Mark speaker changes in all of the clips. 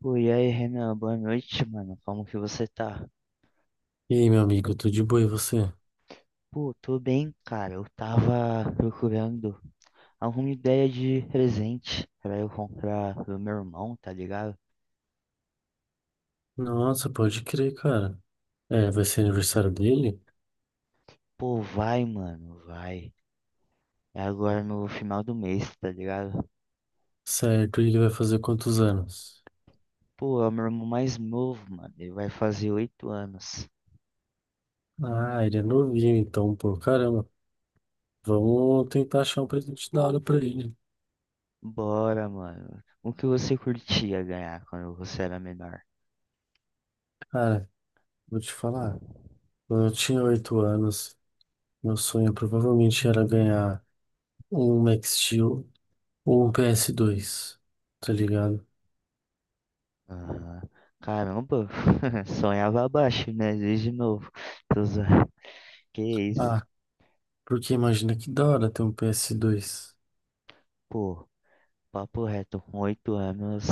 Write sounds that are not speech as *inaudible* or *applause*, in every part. Speaker 1: Pô, e aí, Renan, boa noite, mano. Como que você tá?
Speaker 2: E aí, meu amigo, tudo de boa e você?
Speaker 1: Pô, tô bem, cara. Eu tava procurando alguma ideia de presente pra eu comprar pro meu irmão, tá ligado?
Speaker 2: Nossa, pode crer, cara. É, vai ser aniversário dele?
Speaker 1: Pô, vai, mano, vai. É agora no final do mês, tá ligado?
Speaker 2: Certo, e ele vai fazer quantos anos?
Speaker 1: Pô, é o meu irmão mais novo, mano. Ele vai fazer 8 anos.
Speaker 2: Ah, ele é novinho, então, pô, caramba. Vamos tentar achar um presente da hora pra ele.
Speaker 1: Bora, mano. O que você curtia ganhar quando você era menor?
Speaker 2: Cara, vou te falar. Quando eu tinha 8 anos, meu sonho provavelmente era ganhar um Max Steel ou um ps dois. Tá ligado?
Speaker 1: Aham. Caramba, *laughs* sonhava abaixo, né? Desde novo. Tô zoando. Que isso,
Speaker 2: Ah, porque imagina que da hora ter um ps dois.
Speaker 1: pô, papo reto, com 8 anos,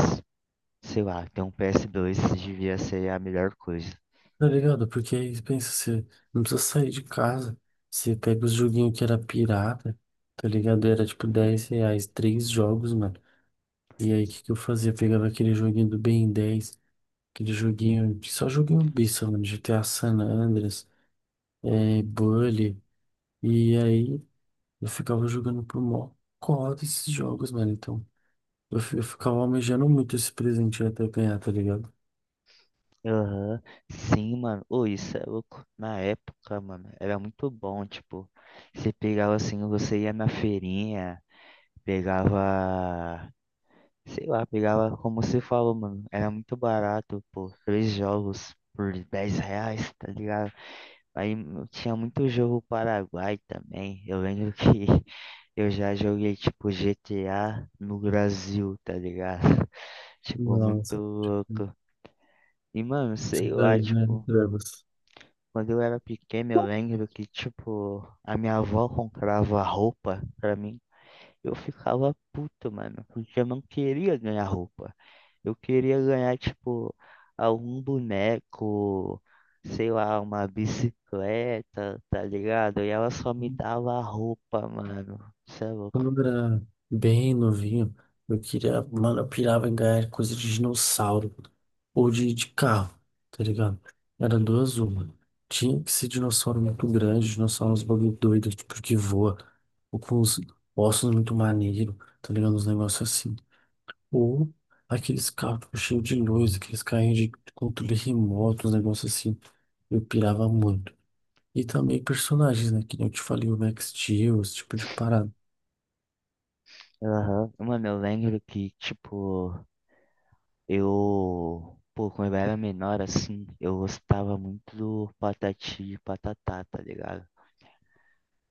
Speaker 1: sei lá, ter um PS2 devia ser a melhor coisa.
Speaker 2: Tá ligado? Porque aí pensa, você não precisa sair de casa. Você pega os joguinhos que era pirata, tá ligado? Era tipo 10 reais, três jogos, mano. E aí o que que eu fazia? Pegava aquele joguinho do Ben 10 aquele joguinho, só joguinho besta, mano. GTA San Andreas, é, Bully. E aí eu ficava jogando pro mó cota esses jogos, mano. Então eu ficava almejando muito esse presente até ganhar, tá ligado?
Speaker 1: Aham. Sim, mano, ô, isso é louco. Na época, mano, era muito bom, tipo, você pegava assim, você ia na feirinha, pegava, sei lá, pegava, como você falou, mano, era muito barato, pô, três jogos por 10 reais, tá ligado? Aí tinha muito jogo Paraguai também. Eu lembro que *laughs* eu já joguei tipo GTA no Brasil, tá ligado? *laughs* Tipo, muito
Speaker 2: Nossa,
Speaker 1: louco. E mano,
Speaker 2: isso
Speaker 1: sei lá,
Speaker 2: daí, né?
Speaker 1: tipo,
Speaker 2: Trevas.
Speaker 1: quando eu era pequeno, eu lembro que, tipo, a minha avó comprava roupa pra mim. Eu ficava puto, mano, porque eu não queria ganhar roupa. Eu queria ganhar, tipo, algum boneco, sei lá, uma bicicleta, tá ligado? E ela só me dava a roupa, mano. Você é louco.
Speaker 2: Quando eu era bem novinho, eu queria, mano, eu pirava em ganhar coisa de dinossauro ou de carro, tá ligado? Era duas uma. Tinha que ser dinossauro muito grande, dinossauro uns bagulho doido, tipo que voa, ou com os ossos muito maneiro, tá ligado? Uns negócios assim. Ou aqueles carros tipo, cheios de luz, aqueles carrinhos de controle remoto, uns negócios assim. Eu pirava muito. E também personagens, né? Que nem eu te falei, o Max Steel, esse tipo de parada.
Speaker 1: Aham. Mano, eu lembro que, tipo, eu. Pô, quando eu era menor, assim, eu gostava muito do Patati e Patatá, tá ligado?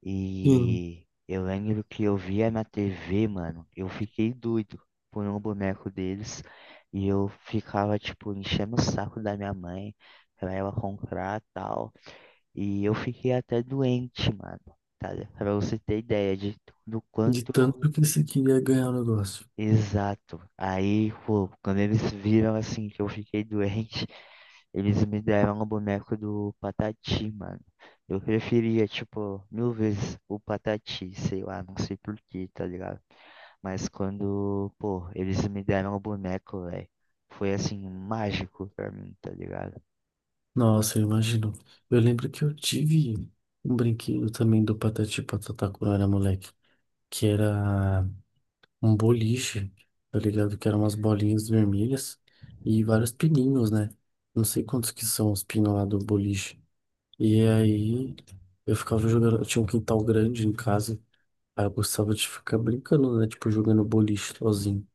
Speaker 1: E eu lembro que eu via na TV, mano, eu fiquei doido por um boneco deles e eu ficava, tipo, enchendo o saco da minha mãe pra ela comprar tal. E eu fiquei até doente, mano, tá? Pra você ter ideia de do
Speaker 2: De
Speaker 1: quanto
Speaker 2: tanto que você queria ganhar o negócio.
Speaker 1: exato. Aí, pô, quando eles viram assim que eu fiquei doente, eles me deram o boneco do Patati, mano. Eu preferia, tipo, mil vezes o Patati, sei lá, não sei por quê, tá ligado? Mas quando, pô, eles me deram o boneco, velho, foi assim, mágico pra mim, tá ligado?
Speaker 2: Nossa, eu imagino. Eu lembro que eu tive um brinquedo também do Patati e Patatá quando eu era moleque, que era um boliche, tá ligado? Que eram umas bolinhas vermelhas e vários pininhos, né? Não sei quantos que são os pinos lá do boliche. E aí eu ficava jogando, eu tinha um quintal grande em casa, aí eu gostava de ficar brincando, né? Tipo, jogando boliche sozinho.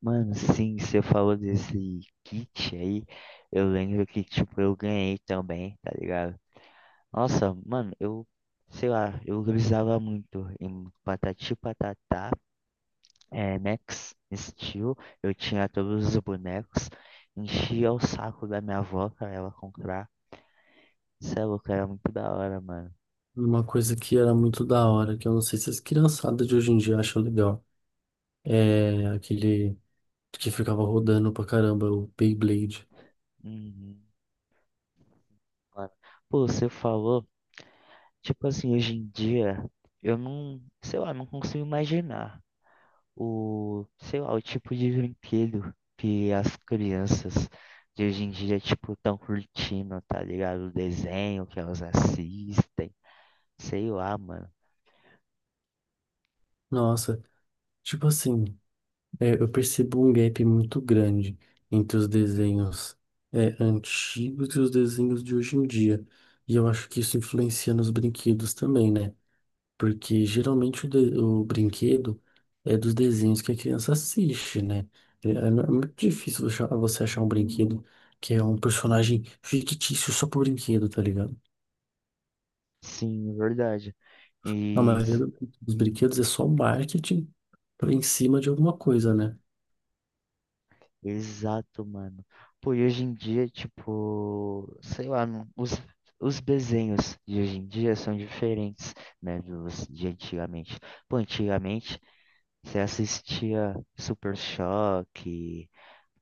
Speaker 1: Mano, sim, você falou desse kit aí, eu lembro que, tipo, eu ganhei também, tá ligado? Nossa, mano, eu, sei lá, eu grisava muito em Patati e Patatá. É, Max Steel, eu tinha todos os bonecos, enchia o saco da minha avó pra ela comprar. Cê é louco, era muito da hora, mano.
Speaker 2: Uma coisa que era muito da hora, que eu não sei se as criançadas de hoje em dia acham legal. É, aquele que ficava rodando pra caramba, o Beyblade.
Speaker 1: Uhum, mano. Pô, você falou, tipo assim, hoje em dia, eu não, sei lá, não consigo imaginar o, sei lá, o tipo de brinquedo que as crianças de hoje em dia, tipo, tão curtindo, tá ligado? O desenho que elas assistem, sei lá, mano.
Speaker 2: Nossa, tipo assim, é, eu percebo um gap muito grande entre os desenhos antigos e os desenhos de hoje em dia. E eu acho que isso influencia nos brinquedos também, né? Porque geralmente o brinquedo é dos desenhos que a criança assiste, né? É, é muito difícil você achar um brinquedo que é um personagem fictício só pro brinquedo, tá ligado?
Speaker 1: Sim, verdade.
Speaker 2: A
Speaker 1: E
Speaker 2: maioria dos brinquedos é só marketing para em cima de alguma coisa, né?
Speaker 1: Exato, mano. Pô, e hoje em dia, tipo, sei lá, os desenhos de hoje em dia são diferentes, né, dos de antigamente. Pô, antigamente você assistia Super Choque,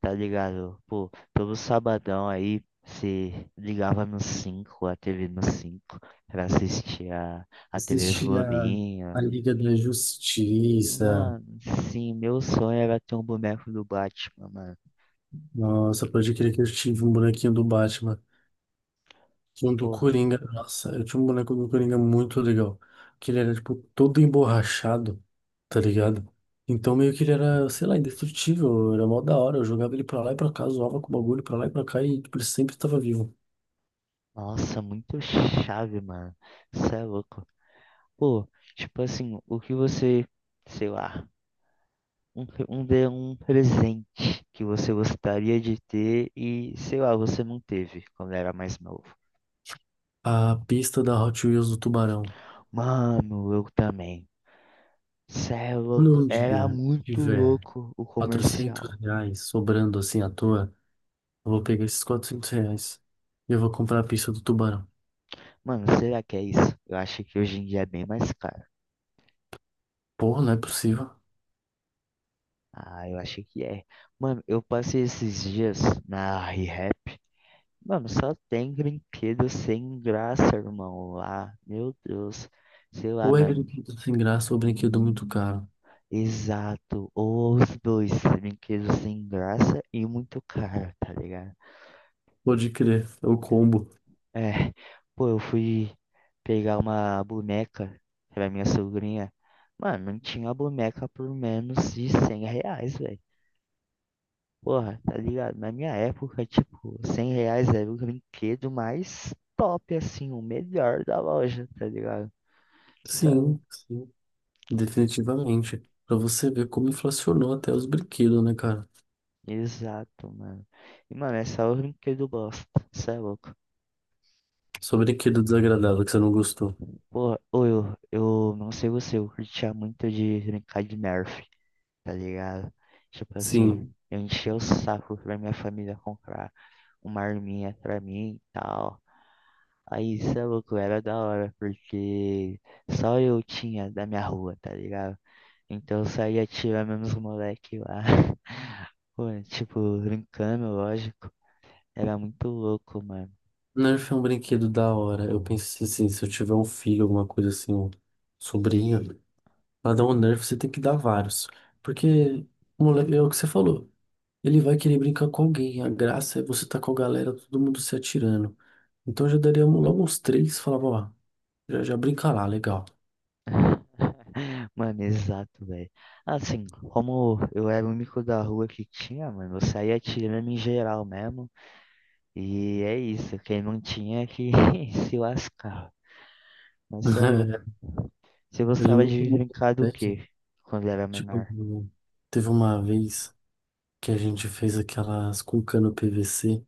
Speaker 1: tá ligado? Pô, todo sabadão aí você ligava no cinco, a TV no 5 pra assistir a TV
Speaker 2: Assisti a
Speaker 1: Globinho.
Speaker 2: Liga da Justiça.
Speaker 1: Mano, sim, meu sonho era ter um boneco do Batman,
Speaker 2: Nossa, pode crer que eu tive um bonequinho do Batman. Um do
Speaker 1: mano.
Speaker 2: Coringa. Nossa, eu tinha um boneco do Coringa muito legal. Que ele era, tipo, todo emborrachado, tá ligado? Então meio que ele era, sei lá, indestrutível. Era mó da hora. Eu jogava ele pra lá e pra cá, zoava com o bagulho pra lá e pra cá e, tipo, ele sempre tava vivo.
Speaker 1: Nossa, muito chave, mano. Cê é louco. Pô, tipo assim, o que você, sei lá, um presente que você gostaria de ter e, sei lá, você não teve quando era mais novo.
Speaker 2: A pista da Hot Wheels do Tubarão.
Speaker 1: Mano, eu também. Cê é louco.
Speaker 2: Quando um
Speaker 1: Era
Speaker 2: dia
Speaker 1: muito
Speaker 2: tiver
Speaker 1: louco o
Speaker 2: Quatrocentos
Speaker 1: comercial.
Speaker 2: reais sobrando assim à toa, eu vou pegar esses 400 reais e eu vou comprar a pizza do tubarão.
Speaker 1: Mano, será que é isso? Eu acho que hoje em dia é bem mais caro.
Speaker 2: Porra, não é possível.
Speaker 1: Ah, eu acho que é. Mano, eu passei esses dias na re Mano, só tem brinquedo sem graça, irmão, lá. Meu Deus. Sei lá,
Speaker 2: Ou é
Speaker 1: mano.
Speaker 2: brinquedo sem graça ou é brinquedo muito caro.
Speaker 1: Exato. Ou os dois, brinquedos sem graça e muito caro, tá ligado?
Speaker 2: Pode crer, é o combo.
Speaker 1: É. Pô, eu fui pegar uma boneca pra minha sobrinha. Mano, não tinha boneca por menos de 100 reais, velho. Porra, tá ligado? Na minha época, tipo, 100 reais era o brinquedo mais top, assim, o melhor da loja, tá ligado? Sabe?
Speaker 2: Sim, definitivamente. Pra você ver como inflacionou até os brinquedos, né, cara?
Speaker 1: Exato, mano. E, mano, essa é a única que eu gosto. Isso é louco.
Speaker 2: Só brinquedo desagradável que você não gostou.
Speaker 1: Pô, ô, eu não sei você, eu curtia muito de brincar de Nerf, tá ligado? Tipo assim,
Speaker 2: Sim,
Speaker 1: eu enchia o saco pra minha família comprar uma arminha pra mim e tal. Aí, isso é louco, era da hora, porque só eu tinha da minha rua, tá ligado? Então eu saía atirando nos moleque lá. *laughs* Pô, tipo, brincando, lógico. Era muito louco, mano.
Speaker 2: Nerf é um brinquedo da hora. Eu pensei assim, se eu tiver um filho, alguma coisa assim, um sobrinho, pra dar um nerf, você tem que dar vários. Porque, moleque, é o que você falou. Ele vai querer brincar com alguém. A graça é você tá com a galera, todo mundo se atirando. Então eu já daria logo uns três, falava, ó, já brinca lá, legal.
Speaker 1: *laughs* Mano, exato, velho. Assim, como eu era o único da rua que tinha, mano, eu saía tirando em geral mesmo. E é isso, quem não tinha é que *laughs* se lascava. Mas cê é louco.
Speaker 2: *laughs*
Speaker 1: Você
Speaker 2: Eu
Speaker 1: gostava
Speaker 2: lembro que
Speaker 1: de
Speaker 2: um
Speaker 1: brincar do
Speaker 2: moleque,
Speaker 1: quê quando era
Speaker 2: tipo,
Speaker 1: menor?
Speaker 2: teve uma vez que a gente fez aquelas com cano PVC,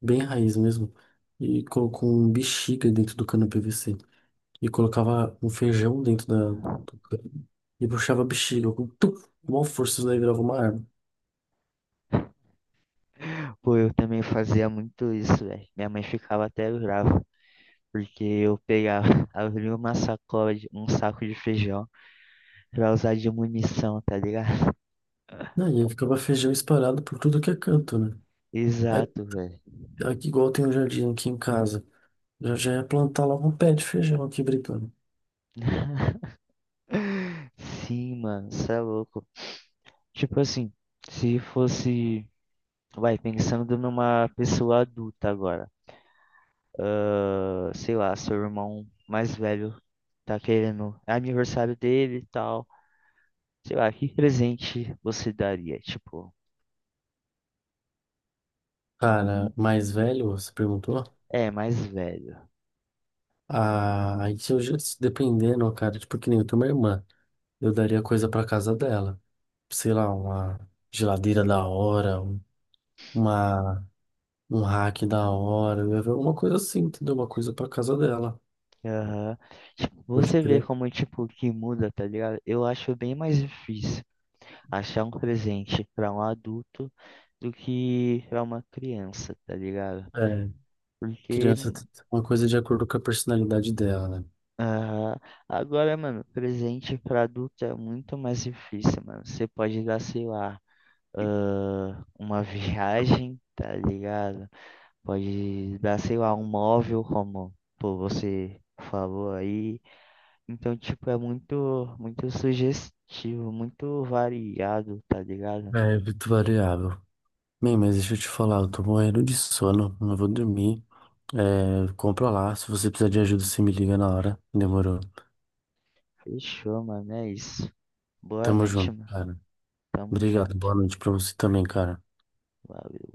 Speaker 2: bem raiz mesmo, e colocou um bexiga dentro do cano PVC. E colocava um feijão dentro da. E puxava a bexiga com tum, com uma força, isso daí virava uma arma.
Speaker 1: Pô, eu também fazia muito isso, velho. Minha mãe ficava até brava, porque eu pegava, *laughs* abria uma sacola um saco de feijão pra usar de munição, tá ligado?
Speaker 2: Aí eu ficava feijão espalhado por tudo que é canto, né?
Speaker 1: *laughs*
Speaker 2: Aí,
Speaker 1: Exato, velho.
Speaker 2: aqui, igual tem um jardim aqui em casa, eu já ia plantar logo um pé de feijão aqui brincando.
Speaker 1: *laughs* Sim, mano, cê é louco. Tipo assim, se fosse, vai, pensando numa pessoa adulta agora, ah, sei lá, seu irmão mais velho tá querendo, é aniversário dele e tal, sei lá, que presente você daria? Tipo,
Speaker 2: Cara, mais velho, você perguntou?
Speaker 1: é, mais velho.
Speaker 2: Ah, aí se se dependendo, cara, tipo que nem eu tenho uma irmã, eu daria coisa pra casa dela. Sei lá, uma geladeira da hora, uma um hack da hora, né? Uma coisa assim, entendeu? Uma coisa pra casa dela.
Speaker 1: Aham. Tipo,
Speaker 2: Pode
Speaker 1: você vê
Speaker 2: crer.
Speaker 1: como, tipo, que muda, tá ligado? Eu acho bem mais difícil achar um presente pra um adulto do que pra uma criança, tá ligado?
Speaker 2: É,
Speaker 1: Porque
Speaker 2: criança tem uma coisa de acordo com a personalidade dela, né?
Speaker 1: ah, agora, mano, presente para adulto é muito mais difícil, mano. Você pode dar, sei lá, ah, uma *laughs* viagem, tá ligado? Pode dar, sei lá, um móvel, como pô, você falou aí. Então, tipo, é muito, muito sugestivo, muito variado, tá ligado?
Speaker 2: É muito variável. Bem, mas deixa eu te falar, eu tô morrendo de sono, não vou dormir. É, compra lá, se você precisar de ajuda, você me liga na hora. Demorou.
Speaker 1: Fechou, mano, é isso. Boa
Speaker 2: Tamo
Speaker 1: noite,
Speaker 2: junto,
Speaker 1: mano.
Speaker 2: cara.
Speaker 1: Tamo
Speaker 2: Obrigado,
Speaker 1: junto.
Speaker 2: boa noite pra você também, cara.
Speaker 1: Valeu.